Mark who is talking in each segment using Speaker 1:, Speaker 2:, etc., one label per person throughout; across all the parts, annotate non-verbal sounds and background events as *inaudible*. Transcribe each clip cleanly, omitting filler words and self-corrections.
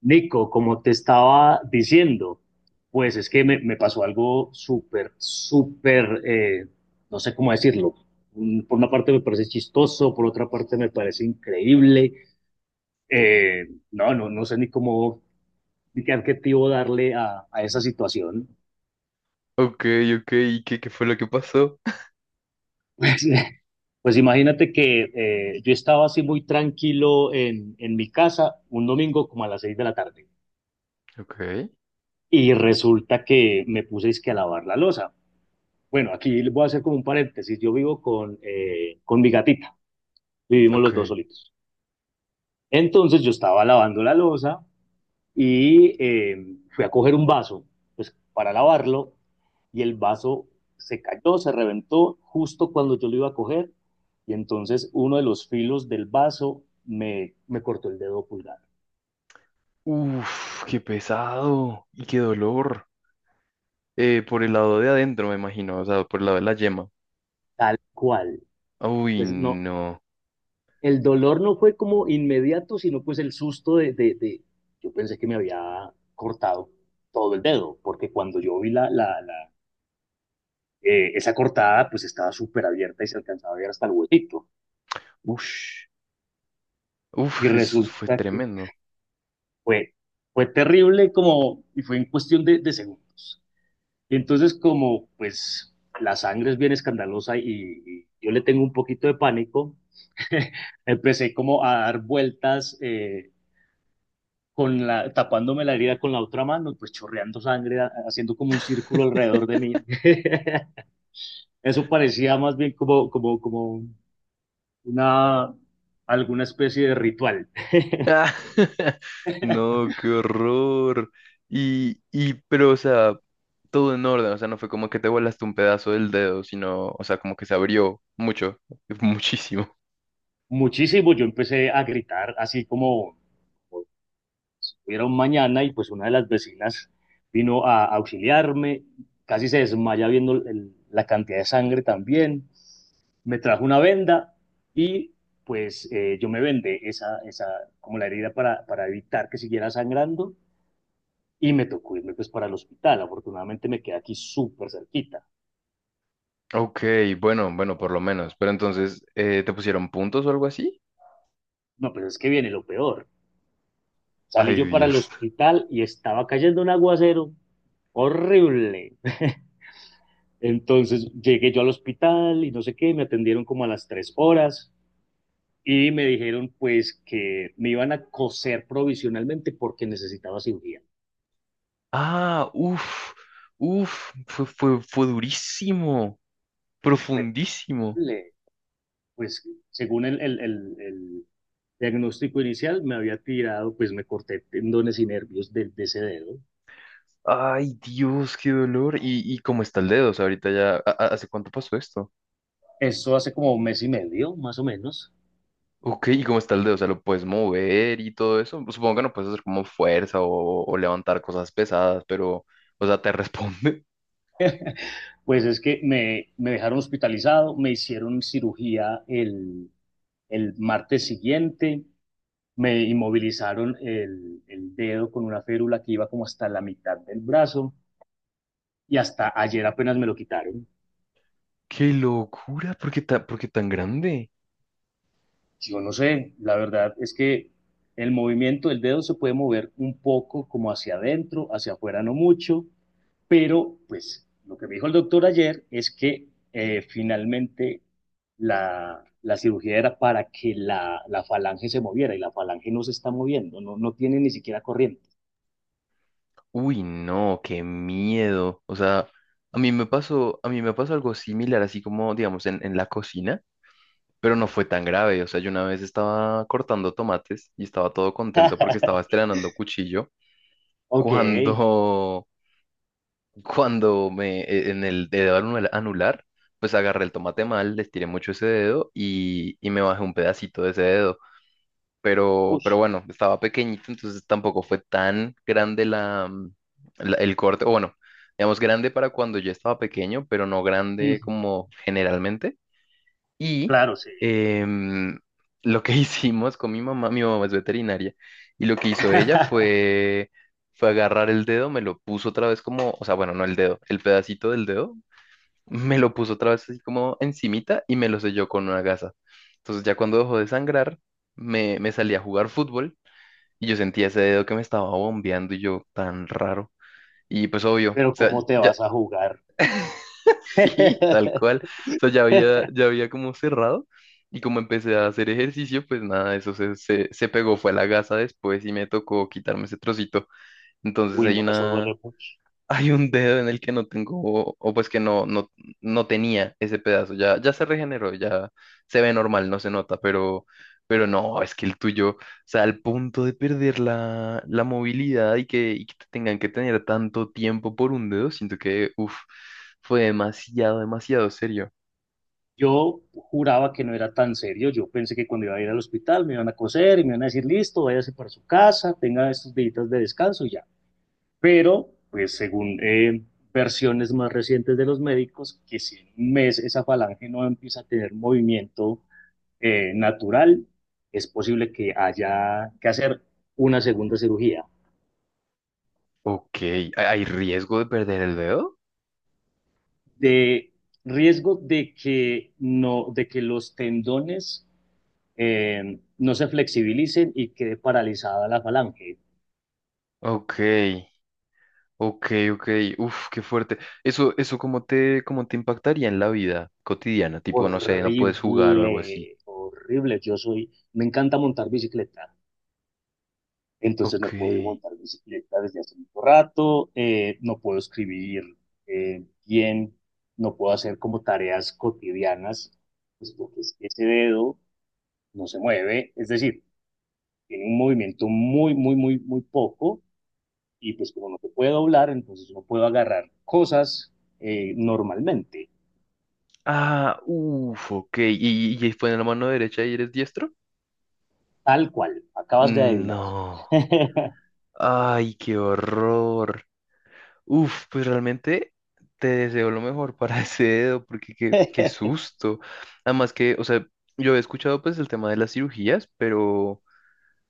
Speaker 1: Nico, como te estaba diciendo, pues es que me pasó algo súper, súper, no sé cómo decirlo. Por una parte me parece chistoso, por otra parte me parece increíble. Eh, no sé ni cómo, ni qué adjetivo darle a esa situación. *laughs*
Speaker 2: Ok, ok, ¿y qué fue lo que pasó?
Speaker 1: Pues, pues imagínate que yo estaba así muy tranquilo en mi casa un domingo como a las 6 de la tarde
Speaker 2: Ok,
Speaker 1: y resulta que me puse es que a lavar la losa. Bueno, aquí les voy a hacer como un paréntesis. Yo vivo con mi gatita. Vivimos
Speaker 2: ok.
Speaker 1: los dos solitos. Entonces yo estaba lavando la loza y fui a coger un vaso pues, para lavarlo y el vaso se cayó, se reventó justo cuando yo lo iba a coger y entonces uno de los filos del vaso me cortó el dedo pulgar.
Speaker 2: Uf, qué pesado y qué dolor. Por el lado de adentro, me imagino, o sea, por el lado de la yema.
Speaker 1: Tal cual.
Speaker 2: Uy,
Speaker 1: Pues no,
Speaker 2: no.
Speaker 1: el dolor no fue como inmediato, sino pues el susto yo pensé que me había cortado todo el dedo, porque cuando yo vi esa cortada, pues estaba súper abierta y se alcanzaba a ver hasta el huesito.
Speaker 2: Ush.
Speaker 1: Y
Speaker 2: Uf, eso fue
Speaker 1: resulta que
Speaker 2: tremendo.
Speaker 1: fue, fue terrible como, y fue en cuestión de segundos. Y entonces como pues la sangre es bien escandalosa y yo le tengo un poquito de pánico, *laughs* empecé como a dar vueltas. Con la, tapándome la herida con la otra mano, pues chorreando sangre, haciendo como un círculo
Speaker 2: *laughs*
Speaker 1: alrededor de mí. *laughs* Eso parecía más bien como, como, una, alguna especie de ritual. *laughs*
Speaker 2: Ah, *laughs* No, qué horror. Pero, o sea, todo en orden, o sea, no fue como que te volaste un pedazo del dedo, sino, o sea, como que se abrió mucho, *laughs* muchísimo.
Speaker 1: Muchísimo, yo empecé a gritar así como era un mañana y pues una de las vecinas vino a auxiliarme, casi se desmaya viendo la cantidad de sangre también, me trajo una venda y pues yo me vendé como la herida para evitar que siguiera sangrando y me tocó irme pues para el hospital, afortunadamente me quedé aquí súper cerquita,
Speaker 2: Ok, bueno, bueno, por lo menos. Pero entonces, ¿te pusieron puntos o algo así?
Speaker 1: no, pero es que viene lo peor, salí
Speaker 2: Ay,
Speaker 1: yo para el
Speaker 2: Dios.
Speaker 1: hospital y estaba cayendo un aguacero horrible. *laughs* Entonces llegué yo al hospital y no sé qué, me atendieron como a las 3 horas y me dijeron pues que me iban a coser provisionalmente porque necesitaba cirugía.
Speaker 2: Ah, uff, uff, fue durísimo,
Speaker 1: Pues,
Speaker 2: profundísimo.
Speaker 1: le- pues según el diagnóstico inicial me había tirado, pues me corté tendones y nervios de ese dedo.
Speaker 2: Ay, Dios, qué dolor. ¿Y cómo está el dedo? O sea, ahorita ya, ¿hace cuánto pasó esto?
Speaker 1: Eso hace como un mes y medio, más o menos.
Speaker 2: Ok, ¿y cómo está el dedo? O sea, ¿lo puedes mover y todo eso? Supongo que no puedes hacer como fuerza o levantar cosas pesadas, pero, o sea, te responde.
Speaker 1: Pues es que me dejaron hospitalizado, me hicieron cirugía el martes siguiente me inmovilizaron el dedo con una férula que iba como hasta la mitad del brazo y hasta ayer apenas me lo quitaron.
Speaker 2: *laughs* ¡Qué locura! Por qué tan grande?
Speaker 1: Yo no sé, la verdad es que el movimiento del dedo se puede mover un poco como hacia adentro, hacia afuera no mucho, pero pues lo que me dijo el doctor ayer es que finalmente la cirugía era para que la falange se moviera y la falange no se está moviendo, no, no tiene ni siquiera corriente.
Speaker 2: Uy, no, qué miedo. O sea, a mí me pasó, a mí me pasó algo similar, así como, digamos, en la cocina, pero no fue tan grave. O sea, yo una vez estaba cortando tomates y estaba todo contento porque estaba estrenando cuchillo.
Speaker 1: Ok,
Speaker 2: Cuando, *laughs* cuando en el dedo anular, pues agarré el tomate mal, le estiré mucho ese dedo y me bajé un pedacito de ese dedo
Speaker 1: uff
Speaker 2: pero bueno, estaba pequeñito, entonces tampoco fue tan grande el corte, o bueno, digamos grande para cuando yo estaba pequeño, pero no grande como generalmente. Y
Speaker 1: claro, sí,
Speaker 2: em, lo que *laughs* hicimos con mi mamá es veterinaria, y lo que hizo ella
Speaker 1: *laughs*
Speaker 2: fue, fue agarrar el dedo, me lo puso otra vez como, o sea, bueno, no el dedo, el pedacito del dedo me lo puso otra vez así como encimita y me lo selló con una gasa. Entonces ya cuando dejó de sangrar, me salí a jugar fútbol y yo sentía ese dedo que me estaba bombeando y yo tan raro. Y pues obvio, o
Speaker 1: Pero
Speaker 2: sea,
Speaker 1: ¿cómo te
Speaker 2: ya,
Speaker 1: vas a jugar?
Speaker 2: *laughs* sí, tal cual.
Speaker 1: *laughs*
Speaker 2: O sea, ya había como cerrado y como empecé a hacer ejercicio, pues nada, eso se pegó, fue a la gasa después y me tocó quitarme ese trocito. Entonces
Speaker 1: Uy,
Speaker 2: hay
Speaker 1: no, eso
Speaker 2: una.
Speaker 1: duele mucho.
Speaker 2: Hay un dedo en el que no tengo, o pues que no tenía ese pedazo, ya, ya se regeneró, ya se ve normal, no se nota, pero no, es que el tuyo, o sea, al punto de perder la, la movilidad y que te tengan que tener tanto tiempo por un dedo, siento que, uff, fue demasiado, demasiado serio.
Speaker 1: Yo juraba que no era tan serio. Yo pensé que cuando iba a ir al hospital me iban a coser y me iban a decir, listo, váyase para su casa, tenga estos días de descanso y ya. Pero, pues según versiones más recientes de los médicos, que si en un mes esa falange no empieza a tener movimiento natural, es posible que haya que hacer una segunda cirugía.
Speaker 2: Ok, ¿hay riesgo de perder el dedo?
Speaker 1: De riesgo de que, no, de que los tendones no se flexibilicen y quede paralizada la falange.
Speaker 2: Ok. Ok, ok, uf, qué fuerte. Eso cómo te impactaría en la vida cotidiana, tipo, no sé, no puedes jugar o algo así.
Speaker 1: Horrible, horrible. Me encanta montar bicicleta, entonces
Speaker 2: Ok.
Speaker 1: no puedo montar bicicleta desde hace mucho rato, no puedo escribir bien, no puedo hacer como tareas cotidianas, pues porque es que ese dedo no se mueve, es decir, tiene un movimiento muy, muy, muy, muy poco y pues como no te puedo doblar, entonces no puedo agarrar cosas normalmente,
Speaker 2: Ah, uf, ok. ¿Y fue en la mano derecha y eres diestro?
Speaker 1: tal cual, acabas de adivinar.
Speaker 2: No.
Speaker 1: *laughs*
Speaker 2: Ay, qué horror. Uf, pues realmente te deseo lo mejor para *laughs* ese dedo, porque qué susto. Además que, o sea, yo he escuchado pues el tema de las cirugías, pero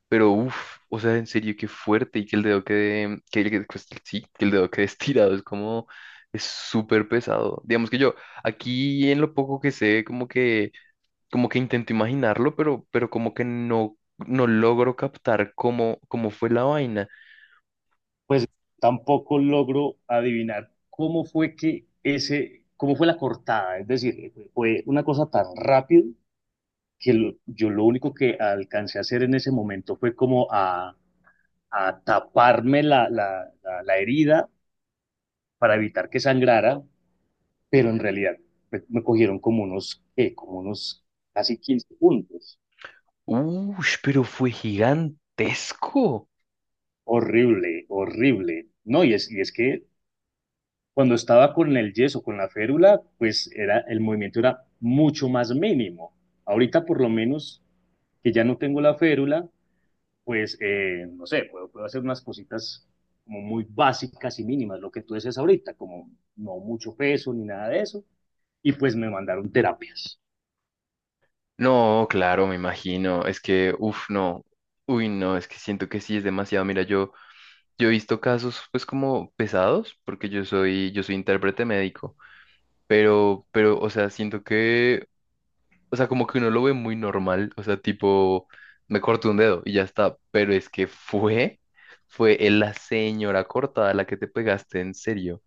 Speaker 2: Pero uff, o sea, en serio, qué fuerte y que el dedo quede, pues, sí, que el dedo quede *laughs* estirado, es como, es súper pesado. Digamos que yo, aquí en lo poco que sé, como que intento imaginarlo, pero como que no logro captar cómo, cómo fue la vaina.
Speaker 1: Pues tampoco logro adivinar cómo fue que cómo fue la cortada, es decir, fue una cosa tan rápido yo lo único que alcancé a hacer en ese momento fue como a taparme la herida para evitar que sangrara, pero en realidad me cogieron como unos, ¿qué? Como unos casi 15 puntos.
Speaker 2: Uff, pero fue gigantesco.
Speaker 1: Horrible, horrible. No, y es que cuando estaba con el yeso, con la férula, pues era, el movimiento era mucho más mínimo. Ahorita por lo menos que ya no tengo la férula, pues no sé, puedo, puedo hacer unas cositas como muy básicas y mínimas, lo que tú dices ahorita, como no mucho peso ni nada de eso. Y pues me mandaron terapias.
Speaker 2: No, claro, me imagino, es que, uff, no, uy, no, es que siento que sí, es demasiado. Mira, yo... Yo he visto casos pues como pesados, porque yo soy intérprete médico, pero, o sea, siento que, o sea, como que uno lo ve muy normal, o sea, tipo, me corto un dedo y ya está, pero es que fue, fue la señora cortada la que te pegaste en serio,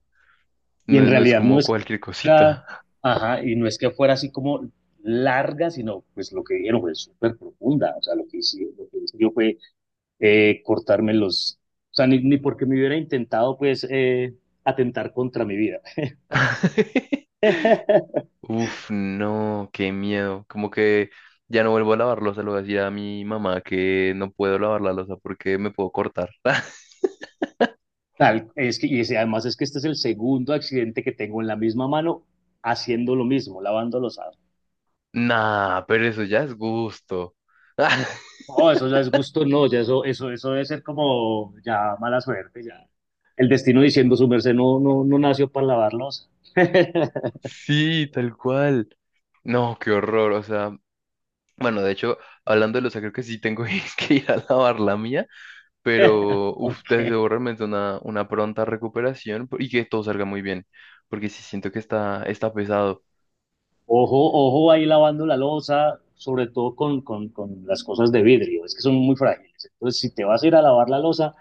Speaker 1: Y en
Speaker 2: no es
Speaker 1: realidad no
Speaker 2: como
Speaker 1: es que
Speaker 2: cualquier cosita.
Speaker 1: fuera, ajá, y no es que fuera así como larga, sino pues lo que dijeron fue súper profunda. O sea, lo que hice yo fue eh, cortarme los, o sea, ni porque me hubiera intentado pues atentar contra mi vida.
Speaker 2: *laughs*
Speaker 1: *laughs*
Speaker 2: Uf, no, qué miedo, como que ya no vuelvo a lavar losa, le voy a decir a mi mamá que no puedo lavar la losa porque me puedo cortar. *laughs*
Speaker 1: Tal, es que, y además es que este es el segundo accidente que tengo en la misma mano haciendo lo mismo, lavando los
Speaker 2: Nah, pero eso ya es gusto. *laughs*
Speaker 1: No, eso ya es gusto, no, ya eso debe ser como ya mala suerte, ya. El destino diciendo su merced no, no, no nació para lavar losa. *laughs*
Speaker 2: Sí, tal cual. No, qué horror. O sea, bueno, de hecho, hablando de los creo que sí tengo *laughs* que ir a lavar la mía, pero uf, te
Speaker 1: Okay.
Speaker 2: deseo realmente una pronta recuperación y que todo salga muy bien, porque sí siento que está, está pesado.
Speaker 1: Ojo, ojo ahí lavando la losa, sobre todo con las cosas de vidrio, es que son muy frágiles. Entonces, si te vas a ir a lavar la losa,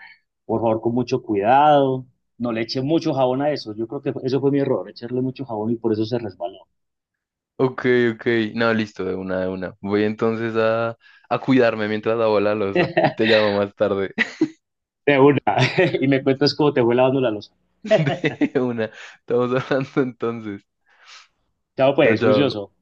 Speaker 1: por favor, con mucho cuidado, no le eche mucho jabón a eso. Yo creo que eso fue mi error, echarle mucho jabón y por eso se resbaló.
Speaker 2: Ok, ok. No, listo, de una. Voy entonces a cuidarme mientras lavo la losa y te llamo más tarde. *laughs*
Speaker 1: De una, *laughs* y me cuentas cómo te fue lavando la losa. *laughs*
Speaker 2: De una. Estamos *laughs* hablando entonces.
Speaker 1: Chao,
Speaker 2: Chao,
Speaker 1: pues,
Speaker 2: chao.
Speaker 1: juicioso.